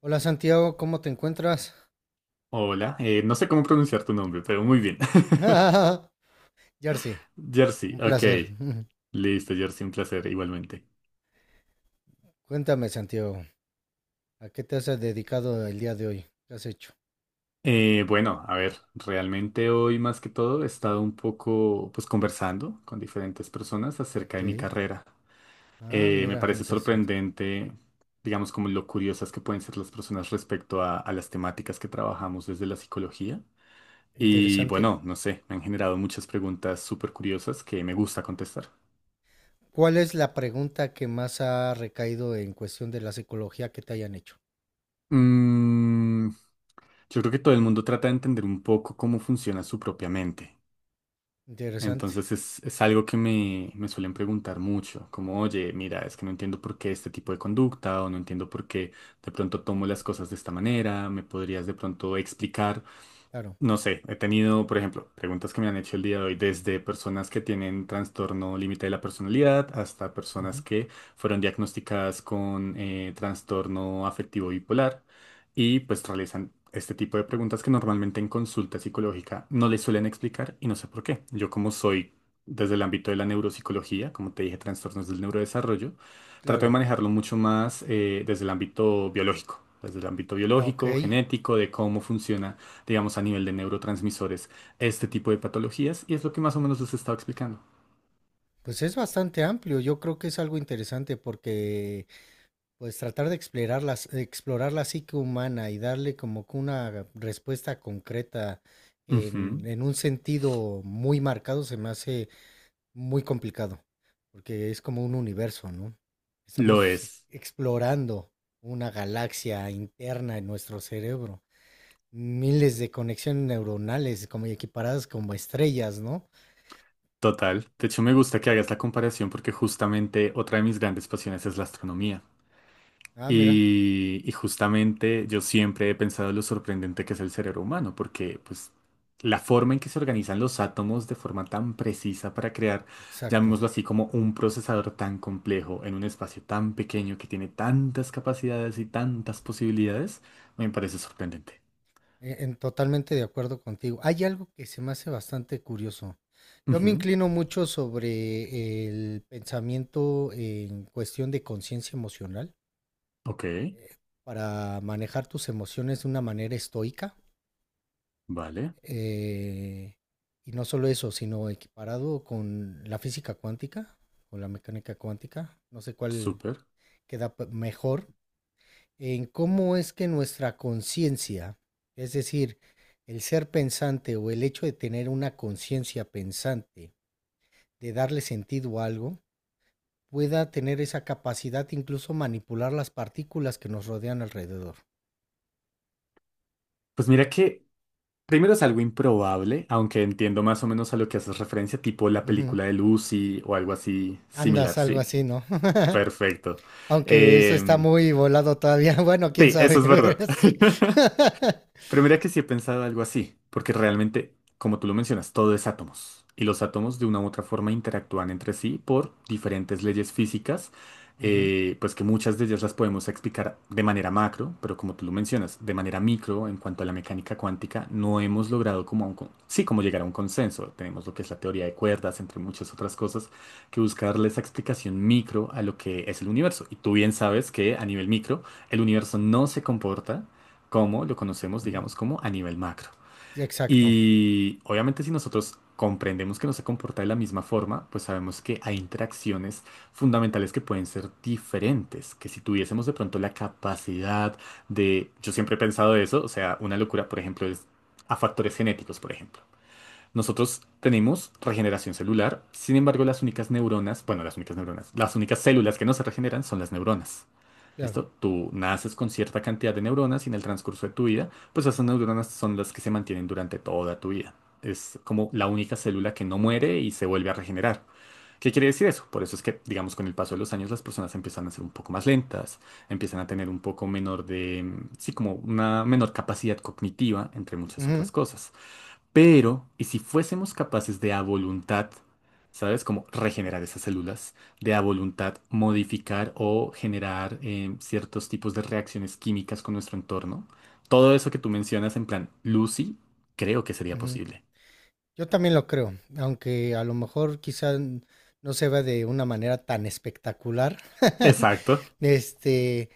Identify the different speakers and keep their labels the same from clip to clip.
Speaker 1: Hola Santiago, ¿cómo te encuentras?
Speaker 2: Hola, no sé cómo pronunciar tu nombre, pero muy bien.
Speaker 1: Jersey,
Speaker 2: Jersey,
Speaker 1: un
Speaker 2: ok.
Speaker 1: placer.
Speaker 2: Listo, Jersey, un placer igualmente.
Speaker 1: Cuéntame Santiago, ¿a qué te has dedicado el día de hoy? ¿Qué has hecho?
Speaker 2: Bueno, a ver, realmente hoy más que todo he estado un poco pues conversando con diferentes personas acerca de mi
Speaker 1: Ok.
Speaker 2: carrera.
Speaker 1: Ah,
Speaker 2: Me
Speaker 1: mira,
Speaker 2: parece
Speaker 1: interesante.
Speaker 2: sorprendente, digamos, como lo curiosas que pueden ser las personas respecto a las temáticas que trabajamos desde la psicología. Y
Speaker 1: Interesante.
Speaker 2: bueno, no sé, me han generado muchas preguntas súper curiosas que me gusta contestar.
Speaker 1: ¿Cuál es la pregunta que más ha recaído en cuestión de la psicología que te hayan hecho?
Speaker 2: Mm, yo creo que todo el mundo trata de entender un poco cómo funciona su propia mente.
Speaker 1: Interesante.
Speaker 2: Entonces es algo que me suelen preguntar mucho, como, oye, mira, es que no entiendo por qué este tipo de conducta o no entiendo por qué de pronto tomo las cosas de esta manera, ¿me podrías de pronto explicar?
Speaker 1: Claro.
Speaker 2: No sé, he tenido, por ejemplo, preguntas que me han hecho el día de hoy, desde personas que tienen trastorno límite de la personalidad hasta personas
Speaker 1: Ujú,
Speaker 2: que fueron diagnosticadas con trastorno afectivo bipolar y pues realizan este tipo de preguntas que normalmente en consulta psicológica no les suelen explicar y no sé por qué. Yo como soy desde el ámbito de la neuropsicología, como te dije, trastornos del neurodesarrollo, trato de
Speaker 1: claro.
Speaker 2: manejarlo mucho más desde el ámbito biológico, desde el ámbito
Speaker 1: Ok.
Speaker 2: biológico, genético, de cómo funciona digamos, a nivel de neurotransmisores, este tipo de patologías, y es lo que más o menos les estaba explicando.
Speaker 1: Pues es bastante amplio. Yo creo que es algo interesante porque pues tratar de explorar explorar la psique humana y darle como que una respuesta concreta
Speaker 2: Ujú,
Speaker 1: en un sentido muy marcado se me hace muy complicado, porque es como un universo, ¿no?
Speaker 2: lo
Speaker 1: Estamos
Speaker 2: es,
Speaker 1: explorando una galaxia interna en nuestro cerebro, miles de conexiones neuronales como equiparadas como estrellas, ¿no?
Speaker 2: total. De hecho, me gusta que hagas la comparación porque justamente otra de mis grandes pasiones es la astronomía.
Speaker 1: Ah, mira,
Speaker 2: Y justamente yo siempre he pensado lo sorprendente que es el cerebro humano, porque pues la forma en que se organizan los átomos de forma tan precisa para crear,
Speaker 1: exacto.
Speaker 2: llamémoslo así, como un procesador tan complejo en un espacio tan pequeño que tiene tantas capacidades y tantas posibilidades, me parece sorprendente.
Speaker 1: Totalmente de acuerdo contigo. Hay algo que se me hace bastante curioso. Yo me
Speaker 2: Ujú,
Speaker 1: inclino mucho sobre el pensamiento en cuestión de conciencia emocional
Speaker 2: ok,
Speaker 1: para manejar tus emociones de una manera estoica.
Speaker 2: vale,
Speaker 1: eh, y no solo eso, sino equiparado con la física cuántica o la mecánica cuántica. No sé cuál
Speaker 2: súper.
Speaker 1: mejor, en cómo es que nuestra conciencia, es decir, el ser pensante o el hecho de tener una conciencia pensante, de darle sentido a algo, pueda tener esa capacidad de incluso manipular las partículas que nos rodean alrededor.
Speaker 2: Pues mira que primero es algo improbable, aunque entiendo más o menos a lo que haces referencia, tipo la
Speaker 1: Ujú.
Speaker 2: película de Lucy o algo así similar,
Speaker 1: Andas algo
Speaker 2: ¿sí?
Speaker 1: así, ¿no?
Speaker 2: Perfecto.
Speaker 1: Aunque eso está
Speaker 2: Em,
Speaker 1: muy volado todavía. Bueno, quién
Speaker 2: sí, eso es
Speaker 1: sabe,
Speaker 2: verdad.
Speaker 1: sí.
Speaker 2: Pero mira que sí he pensado algo así, porque realmente, como tú lo mencionas, todo es átomos. Y los átomos de una u otra forma interactúan entre sí por diferentes leyes físicas,
Speaker 1: Ujú,
Speaker 2: pues que muchas de ellas las podemos explicar de manera macro, pero como tú lo mencionas, de manera micro, en cuanto a la mecánica cuántica, no hemos logrado como, sí, como llegar a un consenso. Tenemos lo que es la teoría de cuerdas, entre muchas otras cosas, que busca darle esa explicación micro a lo que es el universo. Y tú bien sabes que a nivel micro, el universo no se comporta como lo conocemos,
Speaker 1: ujú.
Speaker 2: digamos, como a nivel macro.
Speaker 1: Sí, exacto.
Speaker 2: Y obviamente si nosotros comprendemos que no se comporta de la misma forma, pues sabemos que hay interacciones fundamentales que pueden ser diferentes, que si tuviésemos de pronto la capacidad de, yo siempre he pensado eso, o sea, una locura, por ejemplo, es a factores genéticos, por ejemplo. Nosotros tenemos regeneración celular, sin embargo las únicas
Speaker 1: Ujú,
Speaker 2: neuronas, bueno, las únicas neuronas, las únicas células que no se regeneran son las neuronas.
Speaker 1: claro.
Speaker 2: ¿Listo? Tú naces con cierta cantidad de neuronas y en el transcurso de tu vida, pues esas neuronas son las que se mantienen durante toda tu vida. Es como la única célula que no muere y se vuelve a regenerar. ¿Qué quiere decir eso? Por eso es que, digamos, con el paso de los años las personas empiezan a ser un poco más lentas, empiezan a tener un poco menor de, mm, sí, como una menor capacidad cognitiva, entre muchas
Speaker 1: Ujú,
Speaker 2: otras cosas. Pero, ¿y si fuésemos capaces de a voluntad, ¿sabes? Como regenerar esas células, de a voluntad modificar o generar ciertos tipos de reacciones químicas con nuestro entorno? Todo eso que tú mencionas en plan Lucy, creo que sería
Speaker 1: ujú.
Speaker 2: posible.
Speaker 1: Yo también lo creo, aunque a lo mejor no se vea de una manera tan espectacular.
Speaker 2: Exacto,
Speaker 1: Este,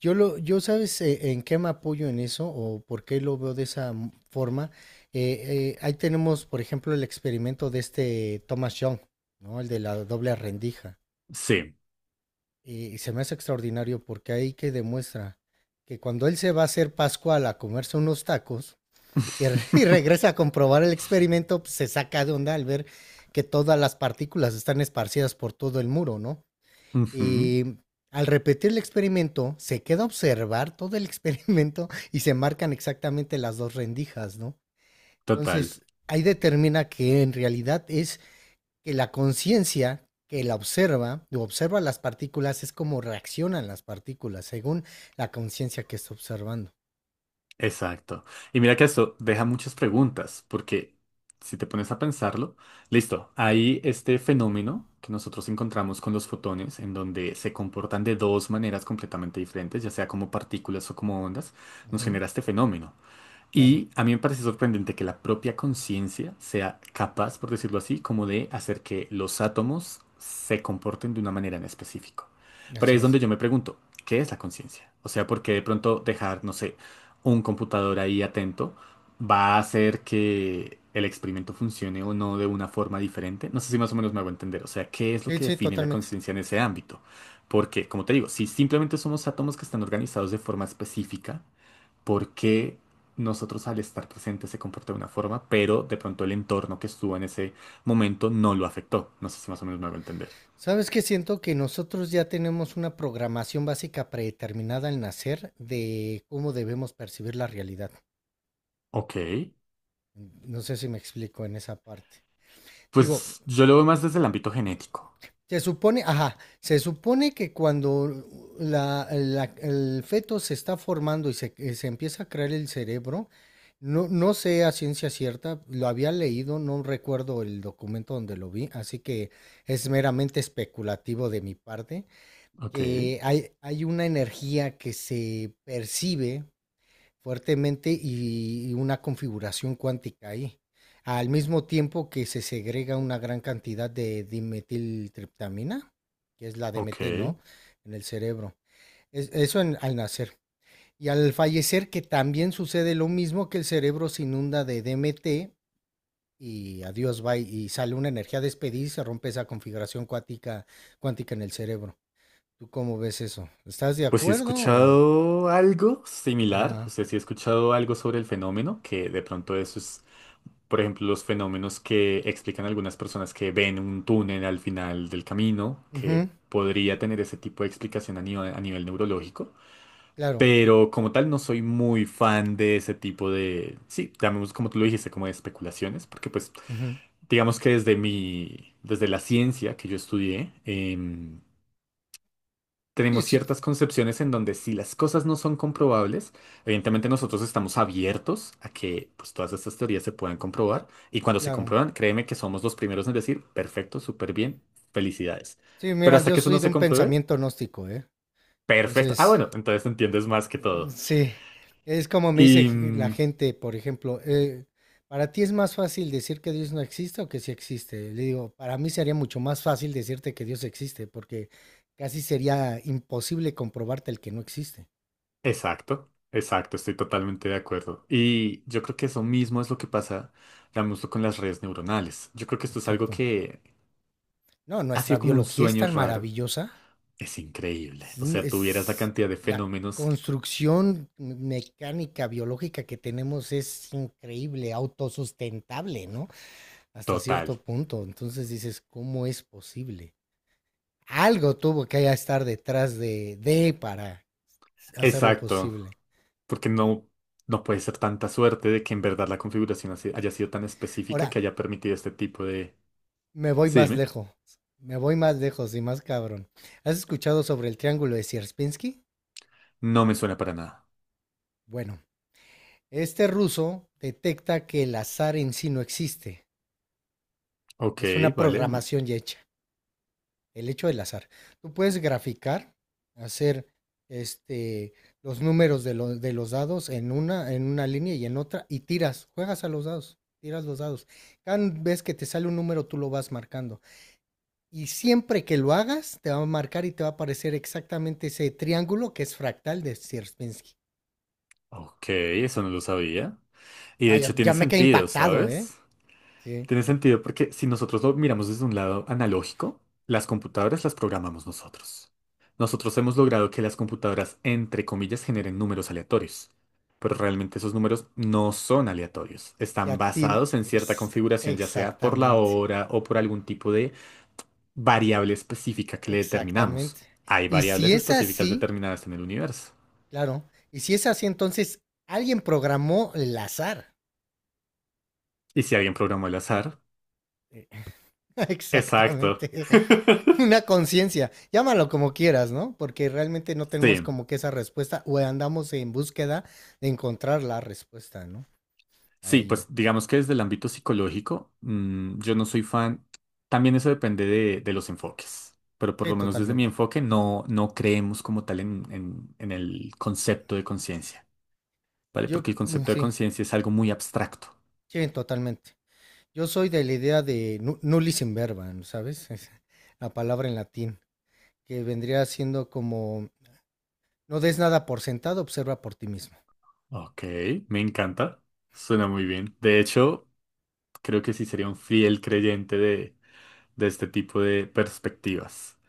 Speaker 1: yo sabes en qué me apoyo en eso o por qué lo veo de forma. Ahí tenemos, por ejemplo, el experimento de este Thomas Young, ¿no? El de la doble rendija.
Speaker 2: sí.
Speaker 1: Y se me hace extraordinario porque ahí que demuestra que cuando él se va a hacer Pascual a comerse unos tacos, y, y regresa a comprobar el experimento, pues, se saca de onda al ver que todas las partículas están esparcidas por todo el muro, ¿no?
Speaker 2: Ujú,
Speaker 1: Y al repetir el experimento, se queda a observar todo el experimento y se marcan exactamente las dos rendijas, ¿no?
Speaker 2: total.
Speaker 1: Entonces, ahí determina que en realidad es que la conciencia que la observa o observa las partículas es como reaccionan las partículas según la conciencia que está observando.
Speaker 2: Exacto. Y mira que esto deja muchas preguntas, porque si te pones a pensarlo, listo, hay este fenómeno que nosotros encontramos con los fotones, en donde se comportan de dos maneras completamente diferentes, ya sea como partículas o como ondas, nos
Speaker 1: Ujú,
Speaker 2: genera este fenómeno.
Speaker 1: claro,
Speaker 2: Y a mí me parece sorprendente que la propia conciencia sea capaz, por decirlo así, como de hacer que los átomos se comporten de una manera en específico. Pero ahí
Speaker 1: así
Speaker 2: es
Speaker 1: es.
Speaker 2: donde yo me pregunto, ¿qué es la conciencia? O sea, ¿por qué de pronto dejar, no sé, un computador ahí atento va a hacer que el experimento funcione o no de una forma diferente? No sé si más o menos me hago entender. O sea, ¿qué es lo
Speaker 1: Sí,
Speaker 2: que
Speaker 1: sí,
Speaker 2: define la
Speaker 1: totalmente.
Speaker 2: conciencia en ese ámbito? Porque, como te digo, si simplemente somos átomos que están organizados de forma específica, porque nosotros al estar presentes se comporta de una forma, pero de pronto el entorno que estuvo en ese momento no lo afectó. No sé si más o menos me a entender.
Speaker 1: ¿Sabes qué? Siento que nosotros ya tenemos una programación básica predeterminada al nacer de cómo debemos percibir la realidad.
Speaker 2: Ok,
Speaker 1: No sé si me explico en esa parte. Digo,
Speaker 2: pues yo lo veo más desde el ámbito genético.
Speaker 1: se supone, ajá, se supone que cuando el feto se está formando y se, se empieza a crear el cerebro, no, no sé a ciencia cierta, lo había leído, no recuerdo el documento donde lo vi, así que es meramente especulativo de mi parte
Speaker 2: Ok,
Speaker 1: que hay una energía que se percibe fuertemente y una configuración cuántica ahí, al mismo tiempo que se segrega una gran cantidad de dimetiltriptamina, que es la
Speaker 2: ok.
Speaker 1: DMT, ¿no? En el cerebro. Es, eso en, al nacer. Y al fallecer, que también sucede lo mismo que el cerebro se inunda de DMT y adiós, va y sale una energía despedida y se rompe esa configuración cuántica, cuántica en el cerebro. ¿Tú cómo ves eso? ¿Estás de
Speaker 2: Pues sí he
Speaker 1: acuerdo o...?
Speaker 2: escuchado algo similar, o
Speaker 1: Ajá.
Speaker 2: sea, sí he escuchado algo sobre el fenómeno, que de pronto eso es, por ejemplo, los fenómenos que explican algunas personas que ven un túnel al final del camino, que
Speaker 1: Ujú,
Speaker 2: podría tener ese tipo de explicación a nivel neurológico.
Speaker 1: claro.
Speaker 2: Pero como tal no soy muy fan de ese tipo de, sí, llamemos como tú lo dijiste, como de especulaciones, porque pues
Speaker 1: Ujú.
Speaker 2: digamos que desde mi, desde la ciencia que yo estudié,
Speaker 1: Sí,
Speaker 2: tenemos
Speaker 1: sí,
Speaker 2: ciertas concepciones en donde si las cosas no son comprobables, evidentemente nosotros estamos abiertos a que pues todas estas teorías se puedan comprobar y cuando se
Speaker 1: claro.
Speaker 2: comprueban, créeme que somos los primeros en decir, perfecto, súper bien, felicidades.
Speaker 1: Sí,
Speaker 2: Pero
Speaker 1: mira,
Speaker 2: hasta
Speaker 1: yo
Speaker 2: que eso
Speaker 1: soy
Speaker 2: no
Speaker 1: de
Speaker 2: se
Speaker 1: un
Speaker 2: compruebe,
Speaker 1: pensamiento gnóstico, ¿eh?
Speaker 2: perfecto. Ah,
Speaker 1: Entonces,
Speaker 2: bueno, entonces entiendes más que todo.
Speaker 1: sí, es como me dice
Speaker 2: Y...
Speaker 1: la
Speaker 2: mm,
Speaker 1: gente, por ejemplo, ¿para ti es más fácil decir que Dios no existe o que sí existe? Le digo, para mí sería mucho más fácil decirte que Dios existe, porque casi sería imposible comprobarte el que no existe.
Speaker 2: Exacto, exacto, estoy totalmente de acuerdo. Y yo creo que eso mismo es lo que pasa, digamos, con las redes neuronales. Yo creo que esto es algo
Speaker 1: Exacto.
Speaker 2: que
Speaker 1: No,
Speaker 2: ha
Speaker 1: nuestra
Speaker 2: sido como un
Speaker 1: biología es
Speaker 2: sueño
Speaker 1: tan
Speaker 2: raro.
Speaker 1: maravillosa.
Speaker 2: Es increíble.
Speaker 1: Es,
Speaker 2: O sea, tuvieras la
Speaker 1: es-
Speaker 2: cantidad de
Speaker 1: la
Speaker 2: fenómenos
Speaker 1: construcción mecánica, biológica que tenemos es increíble, autosustentable, ¿no? Hasta
Speaker 2: total.
Speaker 1: cierto punto. Entonces dices, ¿cómo es posible? Algo tuvo que estar detrás de para hacerlo
Speaker 2: Exacto,
Speaker 1: posible.
Speaker 2: porque no, no puede ser tanta suerte de que en verdad la configuración así- haya sido tan específica
Speaker 1: Ahora,
Speaker 2: que haya permitido este tipo de...
Speaker 1: me voy
Speaker 2: Sí,
Speaker 1: más
Speaker 2: dime.
Speaker 1: lejos. Me voy más lejos y más cabrón. ¿Has escuchado sobre el triángulo de Sierpinski?
Speaker 2: No me suena para nada.
Speaker 1: Bueno, este ruso detecta que el azar en sí no existe.
Speaker 2: Ok,
Speaker 1: Es una
Speaker 2: vale.
Speaker 1: programación ya hecha, el hecho del azar. Tú puedes graficar, hacer este, los números de los dados en una línea y en otra y tiras, juegas a los dados, tiras los dados. Cada vez que te sale un número, tú lo vas marcando. Y siempre que lo hagas, te va a marcar y te va a aparecer exactamente ese triángulo que es fractal de Sierpinski.
Speaker 2: Ok, eso no lo sabía. Y de
Speaker 1: Ah, ya,
Speaker 2: hecho
Speaker 1: ya
Speaker 2: tiene
Speaker 1: me quedé
Speaker 2: sentido,
Speaker 1: impactado, ¿eh?
Speaker 2: ¿sabes?
Speaker 1: Sí.
Speaker 2: Tiene sentido porque si nosotros lo miramos desde un lado analógico, las computadoras las programamos nosotros. Nosotros hemos logrado que las computadoras, entre comillas, generen números aleatorios, pero realmente esos números no son aleatorios. Están basados en cierta configuración, ya sea por la
Speaker 1: Exactamente,
Speaker 2: hora o por algún tipo de variable específica que le determinamos.
Speaker 1: exactamente.
Speaker 2: Hay
Speaker 1: Y si
Speaker 2: variables
Speaker 1: es
Speaker 2: específicas
Speaker 1: así,
Speaker 2: determinadas en el universo.
Speaker 1: claro. Y si es así, entonces alguien programó el azar.
Speaker 2: Y si alguien programó el azar, exacto.
Speaker 1: Exactamente. Una conciencia. Llámalo como quieras, ¿no? Porque realmente no tenemos
Speaker 2: Sí.
Speaker 1: como que esa respuesta o andamos en búsqueda de encontrar la respuesta, ¿no? A
Speaker 2: Sí, pues
Speaker 1: ello.
Speaker 2: digamos que desde el ámbito psicológico, mm, yo no soy fan. También eso depende de los enfoques, pero por
Speaker 1: Sí,
Speaker 2: lo menos desde mi
Speaker 1: totalmente.
Speaker 2: enfoque no, no creemos como tal en, en el concepto de conciencia, ¿vale? Porque el concepto de
Speaker 1: Sí,
Speaker 2: conciencia es algo muy abstracto.
Speaker 1: sí, totalmente. Yo soy de la idea de nullis in verba, ¿no? ¿Sabes? Es la palabra en latín, que vendría siendo como, no des nada por sentado, observa por ti mismo.
Speaker 2: Ok, me encanta. Suena muy bien. De hecho, creo que sí sería un fiel creyente de este tipo de perspectivas.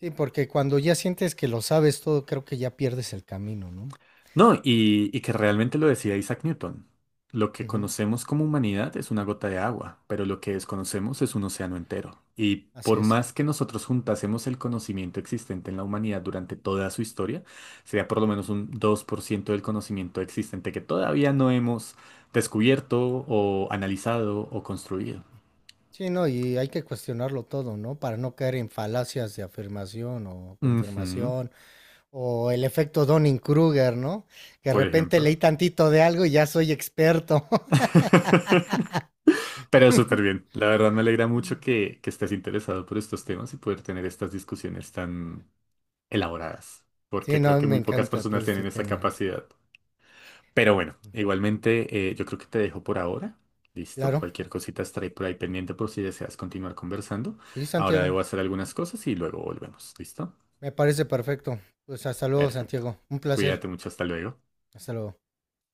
Speaker 1: Sí, porque cuando ya sientes que lo sabes todo, creo que ya pierdes el camino, ¿no?
Speaker 2: No, y que realmente lo decía Isaac Newton. Lo que
Speaker 1: Ujú,
Speaker 2: conocemos como humanidad es una gota de agua, pero lo que desconocemos es un océano entero. Y
Speaker 1: así
Speaker 2: por
Speaker 1: es.
Speaker 2: más que nosotros juntásemos el conocimiento existente en la humanidad durante toda su historia, sería por lo menos un 2% del conocimiento existente que todavía no hemos descubierto o analizado o construido.
Speaker 1: Sí, no, y hay que cuestionarlo todo, ¿no? Para no caer en falacias de afirmación o
Speaker 2: Ujú,
Speaker 1: confirmación o el efecto Dunning-Kruger, ¿no? Que de
Speaker 2: por
Speaker 1: repente
Speaker 2: ejemplo.
Speaker 1: leí tantito de algo y ya soy experto.
Speaker 2: Pero súper bien. La verdad me alegra
Speaker 1: Mm.
Speaker 2: mucho que estés interesado por estos temas y poder tener estas discusiones tan elaboradas,
Speaker 1: Sí,
Speaker 2: porque
Speaker 1: no, a
Speaker 2: creo
Speaker 1: mí
Speaker 2: que
Speaker 1: me
Speaker 2: muy pocas
Speaker 1: encanta todo
Speaker 2: personas
Speaker 1: este
Speaker 2: tienen esa
Speaker 1: tema.
Speaker 2: capacidad. Pero bueno,
Speaker 1: Ujú.
Speaker 2: igualmente yo creo que te dejo por ahora. Listo,
Speaker 1: Claro,
Speaker 2: cualquier cosita estaré por ahí pendiente por si deseas continuar conversando.
Speaker 1: sí,
Speaker 2: Ahora
Speaker 1: Santiago,
Speaker 2: debo hacer algunas cosas y luego volvemos. ¿Listo?
Speaker 1: me parece perfecto. Pues hasta luego,
Speaker 2: Perfecto.
Speaker 1: Santiago. Un placer.
Speaker 2: Cuídate mucho, hasta luego.
Speaker 1: Hasta luego.